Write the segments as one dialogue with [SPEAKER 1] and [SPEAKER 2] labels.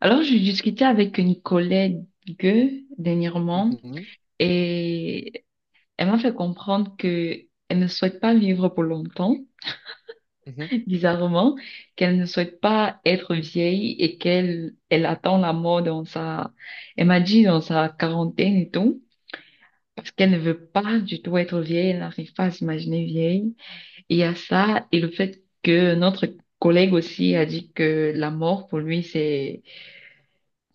[SPEAKER 1] Alors, j'ai discuté avec une collègue dernièrement
[SPEAKER 2] Mhm,
[SPEAKER 1] et elle m'a fait comprendre que elle ne souhaite pas vivre pour longtemps,
[SPEAKER 2] mhm,
[SPEAKER 1] bizarrement, qu'elle ne souhaite pas être vieille et qu'elle elle attend la mort dans sa, elle m'a dit dans sa quarantaine et tout, parce qu'elle ne veut pas du tout être vieille, elle n'arrive pas à s'imaginer vieille. Et il y a ça et le fait que notre collègue aussi a dit que la mort pour lui, c'est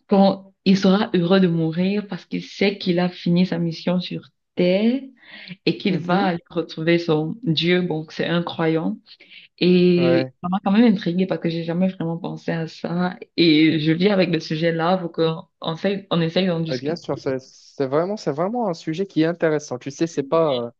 [SPEAKER 1] quand il sera heureux de mourir parce qu'il sait qu'il a fini sa mission sur Terre et qu'il va
[SPEAKER 2] mhm.
[SPEAKER 1] aller retrouver son Dieu. Bon, c'est un croyant. Et
[SPEAKER 2] Ouais,
[SPEAKER 1] ça m'a quand même intriguée parce que j'ai jamais vraiment pensé à ça. Et je vis avec le sujet là, faut qu'on on essaye d'en
[SPEAKER 2] Ouais, bien
[SPEAKER 1] discuter.
[SPEAKER 2] sûr, c'est vraiment, c'est vraiment un sujet qui est intéressant. Tu sais,
[SPEAKER 1] Mais,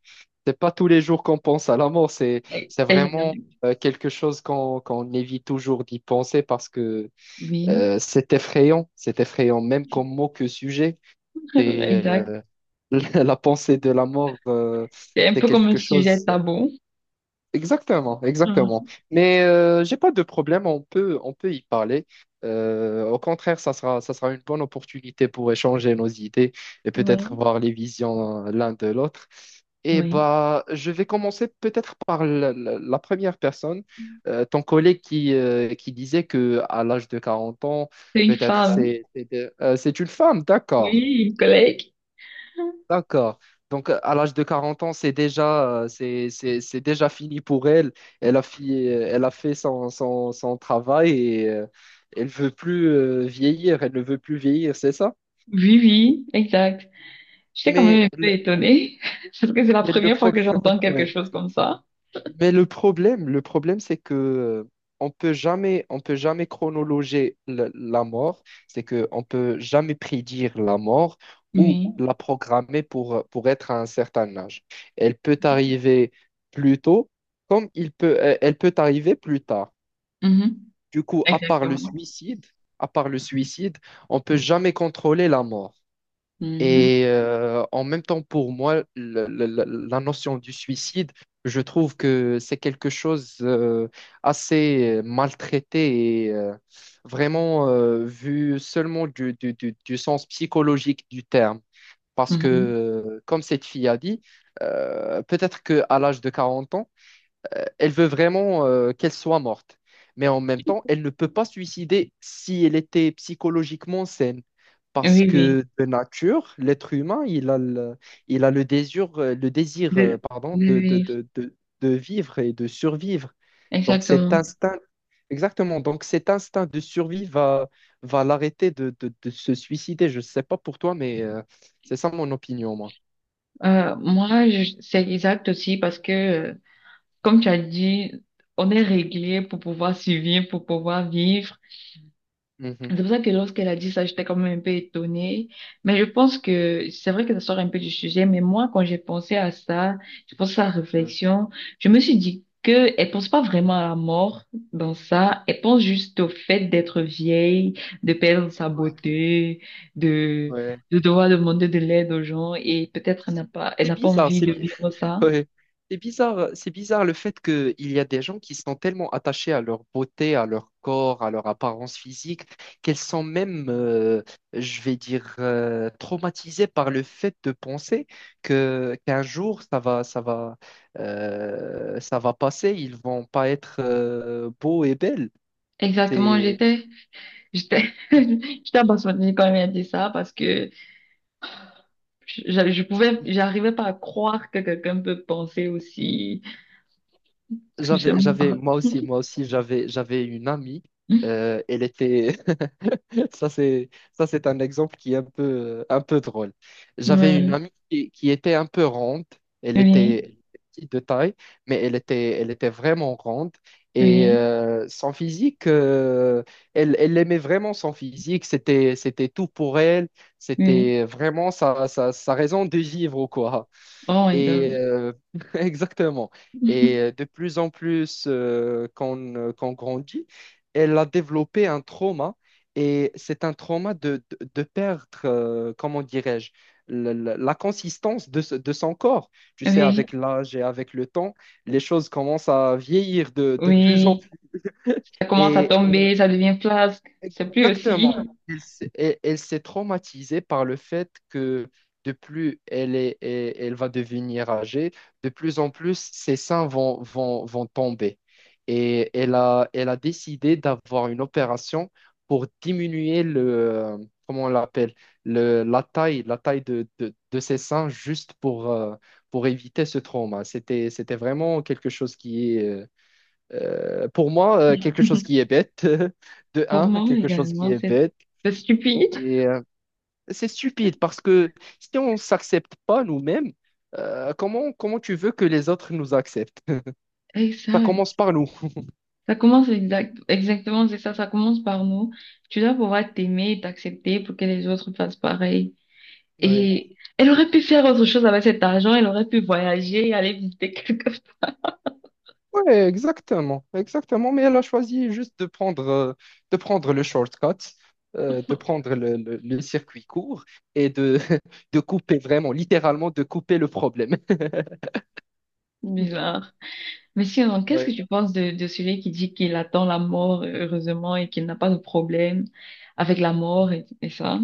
[SPEAKER 2] c'est pas tous les jours qu'on pense à la mort,
[SPEAKER 1] euh,
[SPEAKER 2] c'est
[SPEAKER 1] c'est génial.
[SPEAKER 2] vraiment quelque chose qu'on évite toujours d'y penser parce que
[SPEAKER 1] Oui,
[SPEAKER 2] c'est effrayant, même comme mot que sujet. Et
[SPEAKER 1] exact.
[SPEAKER 2] la pensée de la mort,
[SPEAKER 1] C'est un
[SPEAKER 2] c'est
[SPEAKER 1] peu comme un
[SPEAKER 2] quelque
[SPEAKER 1] sujet
[SPEAKER 2] chose.
[SPEAKER 1] tabou.
[SPEAKER 2] Exactement, exactement.
[SPEAKER 1] Mhm.
[SPEAKER 2] Mais j'ai pas de problème, on peut y parler. Au contraire, ça sera une bonne opportunité pour échanger nos idées et peut-être
[SPEAKER 1] Ouais.
[SPEAKER 2] voir les visions l'un de l'autre. Et
[SPEAKER 1] Oui.
[SPEAKER 2] bah, je vais commencer peut-être par la première personne, ton collègue qui disait que à l'âge de 40 ans,
[SPEAKER 1] C'est une femme.
[SPEAKER 2] c'est une femme, d'accord.
[SPEAKER 1] Oui, une collègue.
[SPEAKER 2] D'accord. Donc, à l'âge de 40 ans, c'est déjà, c'est déjà fini pour elle. Elle a, elle a fait son travail et elle veut plus vieillir. Elle ne veut plus vieillir, c'est ça?
[SPEAKER 1] Oui, oui, exact. J'étais quand même
[SPEAKER 2] Mais,
[SPEAKER 1] un peu
[SPEAKER 2] le-
[SPEAKER 1] étonnée, parce que c'est la
[SPEAKER 2] mais le
[SPEAKER 1] première fois que
[SPEAKER 2] problème,
[SPEAKER 1] j'entends quelque chose comme ça.
[SPEAKER 2] Mais le problème, c'est que on peut jamais chronologer la mort. C'est que on peut jamais prédire la mort ou
[SPEAKER 1] Oui,
[SPEAKER 2] la programmer pour être à un certain âge. Elle peut arriver plus tôt, elle peut arriver plus tard.
[SPEAKER 1] mhm,
[SPEAKER 2] Du coup, à part le
[SPEAKER 1] exactement.
[SPEAKER 2] suicide, à part le suicide, on peut jamais contrôler la mort.
[SPEAKER 1] Mhm,
[SPEAKER 2] Et en même temps, pour moi, la notion du suicide, je trouve que c'est quelque chose assez maltraité et vraiment vu seulement du sens psychologique du terme. Parce que,
[SPEAKER 1] mhm.
[SPEAKER 2] comme cette fille a dit, peut-être qu'à l'âge de 40 ans, elle veut vraiment qu'elle soit morte. Mais en même temps, elle ne peut pas se suicider si elle était psychologiquement saine. Parce
[SPEAKER 1] Oui, oui.
[SPEAKER 2] que de nature, l'être humain, il a le désir,
[SPEAKER 1] De-
[SPEAKER 2] pardon,
[SPEAKER 1] oui, oui,
[SPEAKER 2] de vivre et de survivre. Donc cet
[SPEAKER 1] exactement.
[SPEAKER 2] instinct, exactement, donc cet instinct de survie va l'arrêter de se suicider. Je ne sais pas pour toi, mais c'est ça mon opinion, moi.
[SPEAKER 1] Moi, c'est exact aussi parce que, comme tu as dit, on est réglé pour pouvoir survivre, pour pouvoir vivre.
[SPEAKER 2] Mhm.
[SPEAKER 1] C'est pour ça que lorsqu'elle a dit ça, j'étais quand même un peu étonnée. Mais je pense que c'est vrai que ça sort un peu du sujet, mais moi, quand j'ai pensé à ça, j'ai pensé à la
[SPEAKER 2] Ouais.
[SPEAKER 1] réflexion, je me suis dit que elle pense pas vraiment à la mort dans ça, elle pense juste au fait d'être vieille, de perdre sa beauté, de,
[SPEAKER 2] Ouais.
[SPEAKER 1] de devoir demander de l'aide aux gens et peut-être elle
[SPEAKER 2] C'est
[SPEAKER 1] n'a pas
[SPEAKER 2] bizarre,
[SPEAKER 1] envie
[SPEAKER 2] c'est
[SPEAKER 1] de
[SPEAKER 2] bi-
[SPEAKER 1] vivre ça.
[SPEAKER 2] Ouais. C'est bizarre le fait qu'il y a des gens qui sont tellement attachés à leur beauté, à leur corps, à leur apparence physique, qu'elles sont même, je vais dire, traumatisées par le fait de penser que qu'un jour ça va passer, ils vont pas être beaux et belles.
[SPEAKER 1] Exactement,
[SPEAKER 2] C'est,
[SPEAKER 1] j'étais, j'étais abasourdie quand elle a dit ça parce que je pouvais, j'arrivais pas à croire que quelqu'un peut penser aussi. J'aime
[SPEAKER 2] j'avais,
[SPEAKER 1] pas.
[SPEAKER 2] moi aussi, j'avais une amie. euh, elle était, ça, c'est un exemple qui est un peu drôle. J'avais une
[SPEAKER 1] Oui.
[SPEAKER 2] amie qui était un peu ronde. Elle
[SPEAKER 1] Oui,
[SPEAKER 2] était, elle était petite de taille, mais elle était vraiment ronde. Et
[SPEAKER 1] oui,
[SPEAKER 2] son physique, elle aimait vraiment son physique. C'était tout pour elle.
[SPEAKER 1] oui.
[SPEAKER 2] C'était vraiment sa raison de vivre, quoi.
[SPEAKER 1] Oh my
[SPEAKER 2] Et
[SPEAKER 1] God.
[SPEAKER 2] exactement. Et de plus en plus qu'on grandit, elle a développé un trauma. Et c'est un trauma de perdre, comment dirais-je, la consistance de son corps. Tu sais,
[SPEAKER 1] Oui,
[SPEAKER 2] avec l'âge et avec le temps, les choses commencent à vieillir de plus en
[SPEAKER 1] oui.
[SPEAKER 2] plus.
[SPEAKER 1] Ça commence à
[SPEAKER 2] Et
[SPEAKER 1] tomber, ça devient flasque. C'est plus aussi.
[SPEAKER 2] Exactement. Elle s'est traumatisée par le fait que de plus elle va devenir âgée, de plus en plus ses seins vont tomber. Et elle a décidé d'avoir une opération pour diminuer comment on l'appelle, la taille de ses seins juste pour éviter ce trauma. C'était vraiment quelque chose qui est, pour moi, quelque chose qui est bête, de
[SPEAKER 1] Pour
[SPEAKER 2] un,
[SPEAKER 1] moi
[SPEAKER 2] quelque chose qui
[SPEAKER 1] également,
[SPEAKER 2] est bête,
[SPEAKER 1] c'est stupide.
[SPEAKER 2] et c'est stupide parce que si on ne s'accepte pas nous-mêmes, comment, comment tu veux que les autres nous acceptent?
[SPEAKER 1] Et ça,
[SPEAKER 2] Ça commence par nous.
[SPEAKER 1] ça commence exact, exactement, c'est ça, ça commence par nous. Tu dois pouvoir t'aimer et t'accepter pour que les autres fassent pareil.
[SPEAKER 2] Ouais.
[SPEAKER 1] Et elle aurait pu faire autre chose avec cet argent, elle aurait pu voyager, aller visiter quelque chose
[SPEAKER 2] Ouais, exactement, exactement. Mais elle a choisi juste de prendre le shortcut, de prendre le circuit court et de couper vraiment, littéralement, de couper le problème.
[SPEAKER 1] de bizarre. Mais sinon, qu'est-ce que tu penses de celui qui dit qu'il attend la mort, heureusement, et qu'il n'a pas de problème avec la mort et ça,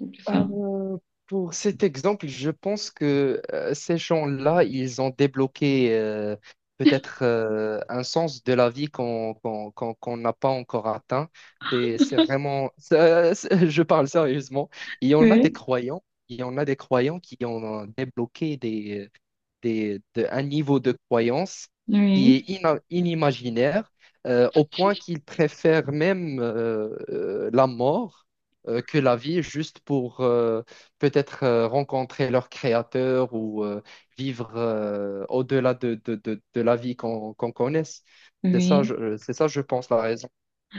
[SPEAKER 1] et tout ça?
[SPEAKER 2] Euh, pour cet exemple, je pense que ces gens-là, ils ont débloqué peut-être un sens de la vie qu'on n'a pas encore atteint. C'est, je parle sérieusement. Il y en a des
[SPEAKER 1] Oui.
[SPEAKER 2] croyants, il y en a des croyants qui ont débloqué un niveau de croyance qui est
[SPEAKER 1] Oui,
[SPEAKER 2] inimaginaire, au point qu'ils préfèrent même la mort que la vie, juste pour peut-être rencontrer leur créateur ou vivre au-delà de la vie qu'on connaisse. C'est ça,
[SPEAKER 1] oui.
[SPEAKER 2] c'est ça, je pense, la raison.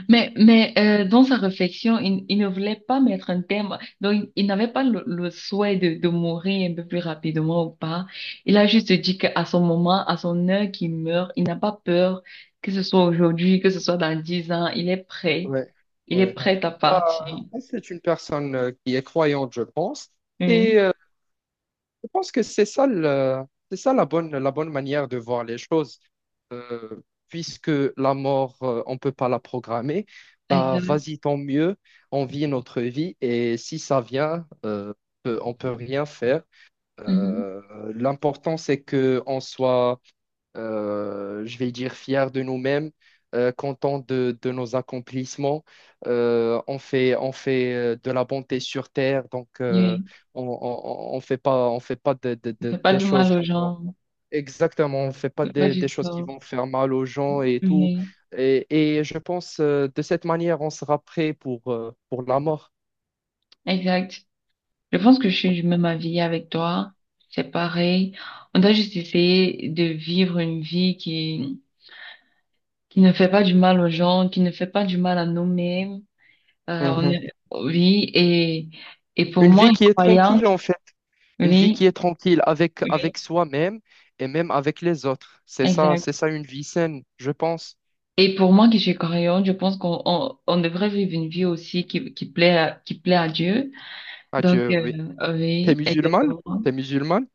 [SPEAKER 1] Mais dans sa réflexion, il ne voulait pas mettre un terme. Donc, il n'avait pas le, le souhait de mourir un peu plus rapidement ou pas. Il a juste dit qu'à son moment, à son heure qu'il meurt, il n'a pas peur que ce soit aujourd'hui, que ce soit dans 10 ans. Il est prêt.
[SPEAKER 2] Ouais,
[SPEAKER 1] Il est
[SPEAKER 2] ouais.
[SPEAKER 1] prêt à
[SPEAKER 2] Bah,
[SPEAKER 1] partir.
[SPEAKER 2] c'est une personne qui est croyante, je pense. Et
[SPEAKER 1] Oui,
[SPEAKER 2] Je pense que c'est ça, le- c'est ça la bonne manière de voir les choses. Euh, puisque la mort, on ne peut pas la programmer, bah
[SPEAKER 1] exact.
[SPEAKER 2] vas-y, tant mieux, on vit notre vie et si ça vient, on peut rien faire.
[SPEAKER 1] Mhm.
[SPEAKER 2] Euh, l'important, c'est qu'on soit je vais dire fiers de nous-mêmes, contents de nos accomplissements. On fait de la bonté sur terre, donc
[SPEAKER 1] Oui,
[SPEAKER 2] on fait pas
[SPEAKER 1] il fait pas
[SPEAKER 2] des
[SPEAKER 1] de
[SPEAKER 2] choses
[SPEAKER 1] mal aux
[SPEAKER 2] qui vont...
[SPEAKER 1] gens.
[SPEAKER 2] Exactement, on fait pas
[SPEAKER 1] Il fait pas
[SPEAKER 2] des
[SPEAKER 1] du
[SPEAKER 2] choses qui
[SPEAKER 1] tort.
[SPEAKER 2] vont faire mal aux gens et tout.
[SPEAKER 1] Oui,
[SPEAKER 2] Et, et je pense de cette manière, on sera prêt pour la mort.
[SPEAKER 1] exact. Je pense que je suis du même avis avec toi. C'est pareil. On doit juste essayer de vivre une vie qui ne fait pas du mal aux gens, qui ne fait pas du mal à nous-mêmes.
[SPEAKER 2] Mhm.
[SPEAKER 1] Oui, et pour
[SPEAKER 2] Une
[SPEAKER 1] moi,
[SPEAKER 2] vie
[SPEAKER 1] une
[SPEAKER 2] qui est tranquille,
[SPEAKER 1] croyante,
[SPEAKER 2] en fait. Une vie qui
[SPEAKER 1] oui,
[SPEAKER 2] est tranquille avec,
[SPEAKER 1] oui,
[SPEAKER 2] avec soi-même et même avec les autres.
[SPEAKER 1] exact.
[SPEAKER 2] C'est ça une vie saine, je pense.
[SPEAKER 1] Et pour moi qui suis croyante, je pense on devrait vivre une vie aussi qui plaît à Dieu. Donc,
[SPEAKER 2] Adieu oui. T'es
[SPEAKER 1] oui,
[SPEAKER 2] musulmane?
[SPEAKER 1] exactement.
[SPEAKER 2] T'es musulmane?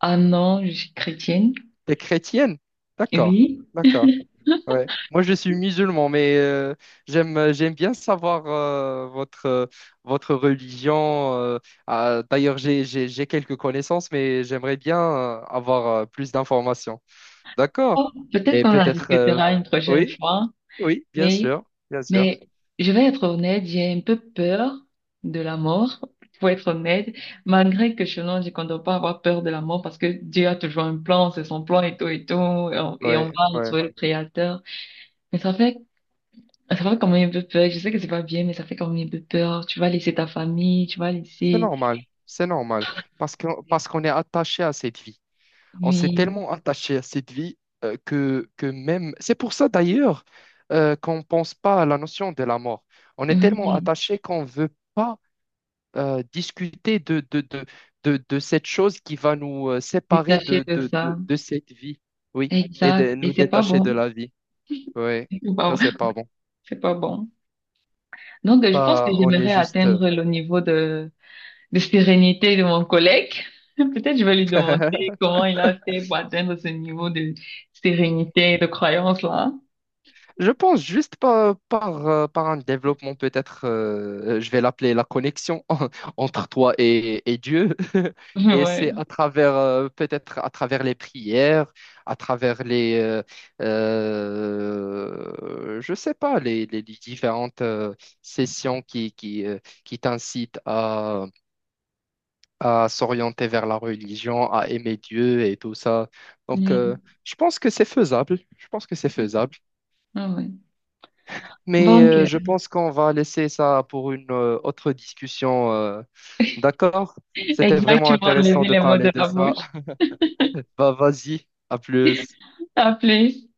[SPEAKER 1] Ah non, je suis chrétienne.
[SPEAKER 2] T'es chrétienne? D'accord,
[SPEAKER 1] Oui.
[SPEAKER 2] d'accord. Ouais. Moi, je suis musulman, mais j'aime bien savoir votre religion. Ah, d'ailleurs, j'ai quelques connaissances, mais j'aimerais bien avoir plus d'informations. D'accord.
[SPEAKER 1] Oh, peut-être
[SPEAKER 2] Et
[SPEAKER 1] qu'on en
[SPEAKER 2] peut-être...
[SPEAKER 1] discutera une prochaine
[SPEAKER 2] Oui,
[SPEAKER 1] fois.
[SPEAKER 2] oui, bien
[SPEAKER 1] Oui,
[SPEAKER 2] sûr, bien sûr.
[SPEAKER 1] mais je vais être honnête, j'ai un peu peur de la mort, pour être honnête, malgré que je non, qu'on ne compte pas avoir peur de la mort parce que Dieu a toujours un plan, c'est son plan et tout et tout, et on
[SPEAKER 2] Oui,
[SPEAKER 1] va retrouver le Créateur. Mais ça fait quand même un peu peur, je sais que c'est pas bien, mais ça fait quand même un peu peur. Tu vas laisser ta famille, tu vas laisser,
[SPEAKER 2] C'est normal, parce que, parce qu'on est attaché à cette vie. On s'est
[SPEAKER 1] oui,
[SPEAKER 2] tellement attaché à cette vie que même... C'est pour ça d'ailleurs qu'on ne pense pas à la notion de la mort. On est tellement
[SPEAKER 1] oui,
[SPEAKER 2] attaché qu'on ne veut pas discuter de cette chose qui va nous séparer
[SPEAKER 1] détacher de ça.
[SPEAKER 2] de cette vie, oui, et de
[SPEAKER 1] Exact, et
[SPEAKER 2] nous
[SPEAKER 1] c'est pas
[SPEAKER 2] détacher
[SPEAKER 1] bon,
[SPEAKER 2] de la vie. Oui,
[SPEAKER 1] c'est pas
[SPEAKER 2] ça,
[SPEAKER 1] bon.
[SPEAKER 2] c'est pas bon.
[SPEAKER 1] C'est pas bon. Donc, je pense que
[SPEAKER 2] Bah, on est
[SPEAKER 1] j'aimerais
[SPEAKER 2] juste...
[SPEAKER 1] atteindre le niveau de sérénité de mon collègue. Peut-être je vais lui demander
[SPEAKER 2] euh,
[SPEAKER 1] comment il a fait pour atteindre ce niveau de sérénité et de croyance là.
[SPEAKER 2] Je pense juste par un développement, peut-être, je vais l'appeler la connexion entre toi et Dieu. Et c'est
[SPEAKER 1] Ouais.
[SPEAKER 2] à travers, peut-être à travers les prières, à travers je sais pas, les différentes sessions qui t'incitent à s'orienter vers la religion, à aimer Dieu et tout ça. Donc,
[SPEAKER 1] Mhm.
[SPEAKER 2] je pense que c'est faisable. Je pense que c'est faisable.
[SPEAKER 1] Ah ouais.
[SPEAKER 2] Mais
[SPEAKER 1] Bon,
[SPEAKER 2] je pense qu'on va laisser ça pour une autre discussion. D'accord? C'était vraiment
[SPEAKER 1] exactement,
[SPEAKER 2] intéressant
[SPEAKER 1] enlever
[SPEAKER 2] de
[SPEAKER 1] les mots
[SPEAKER 2] parler
[SPEAKER 1] de
[SPEAKER 2] de
[SPEAKER 1] la
[SPEAKER 2] ça.
[SPEAKER 1] bouche.
[SPEAKER 2] Bah, vas-y, à plus.
[SPEAKER 1] À plus.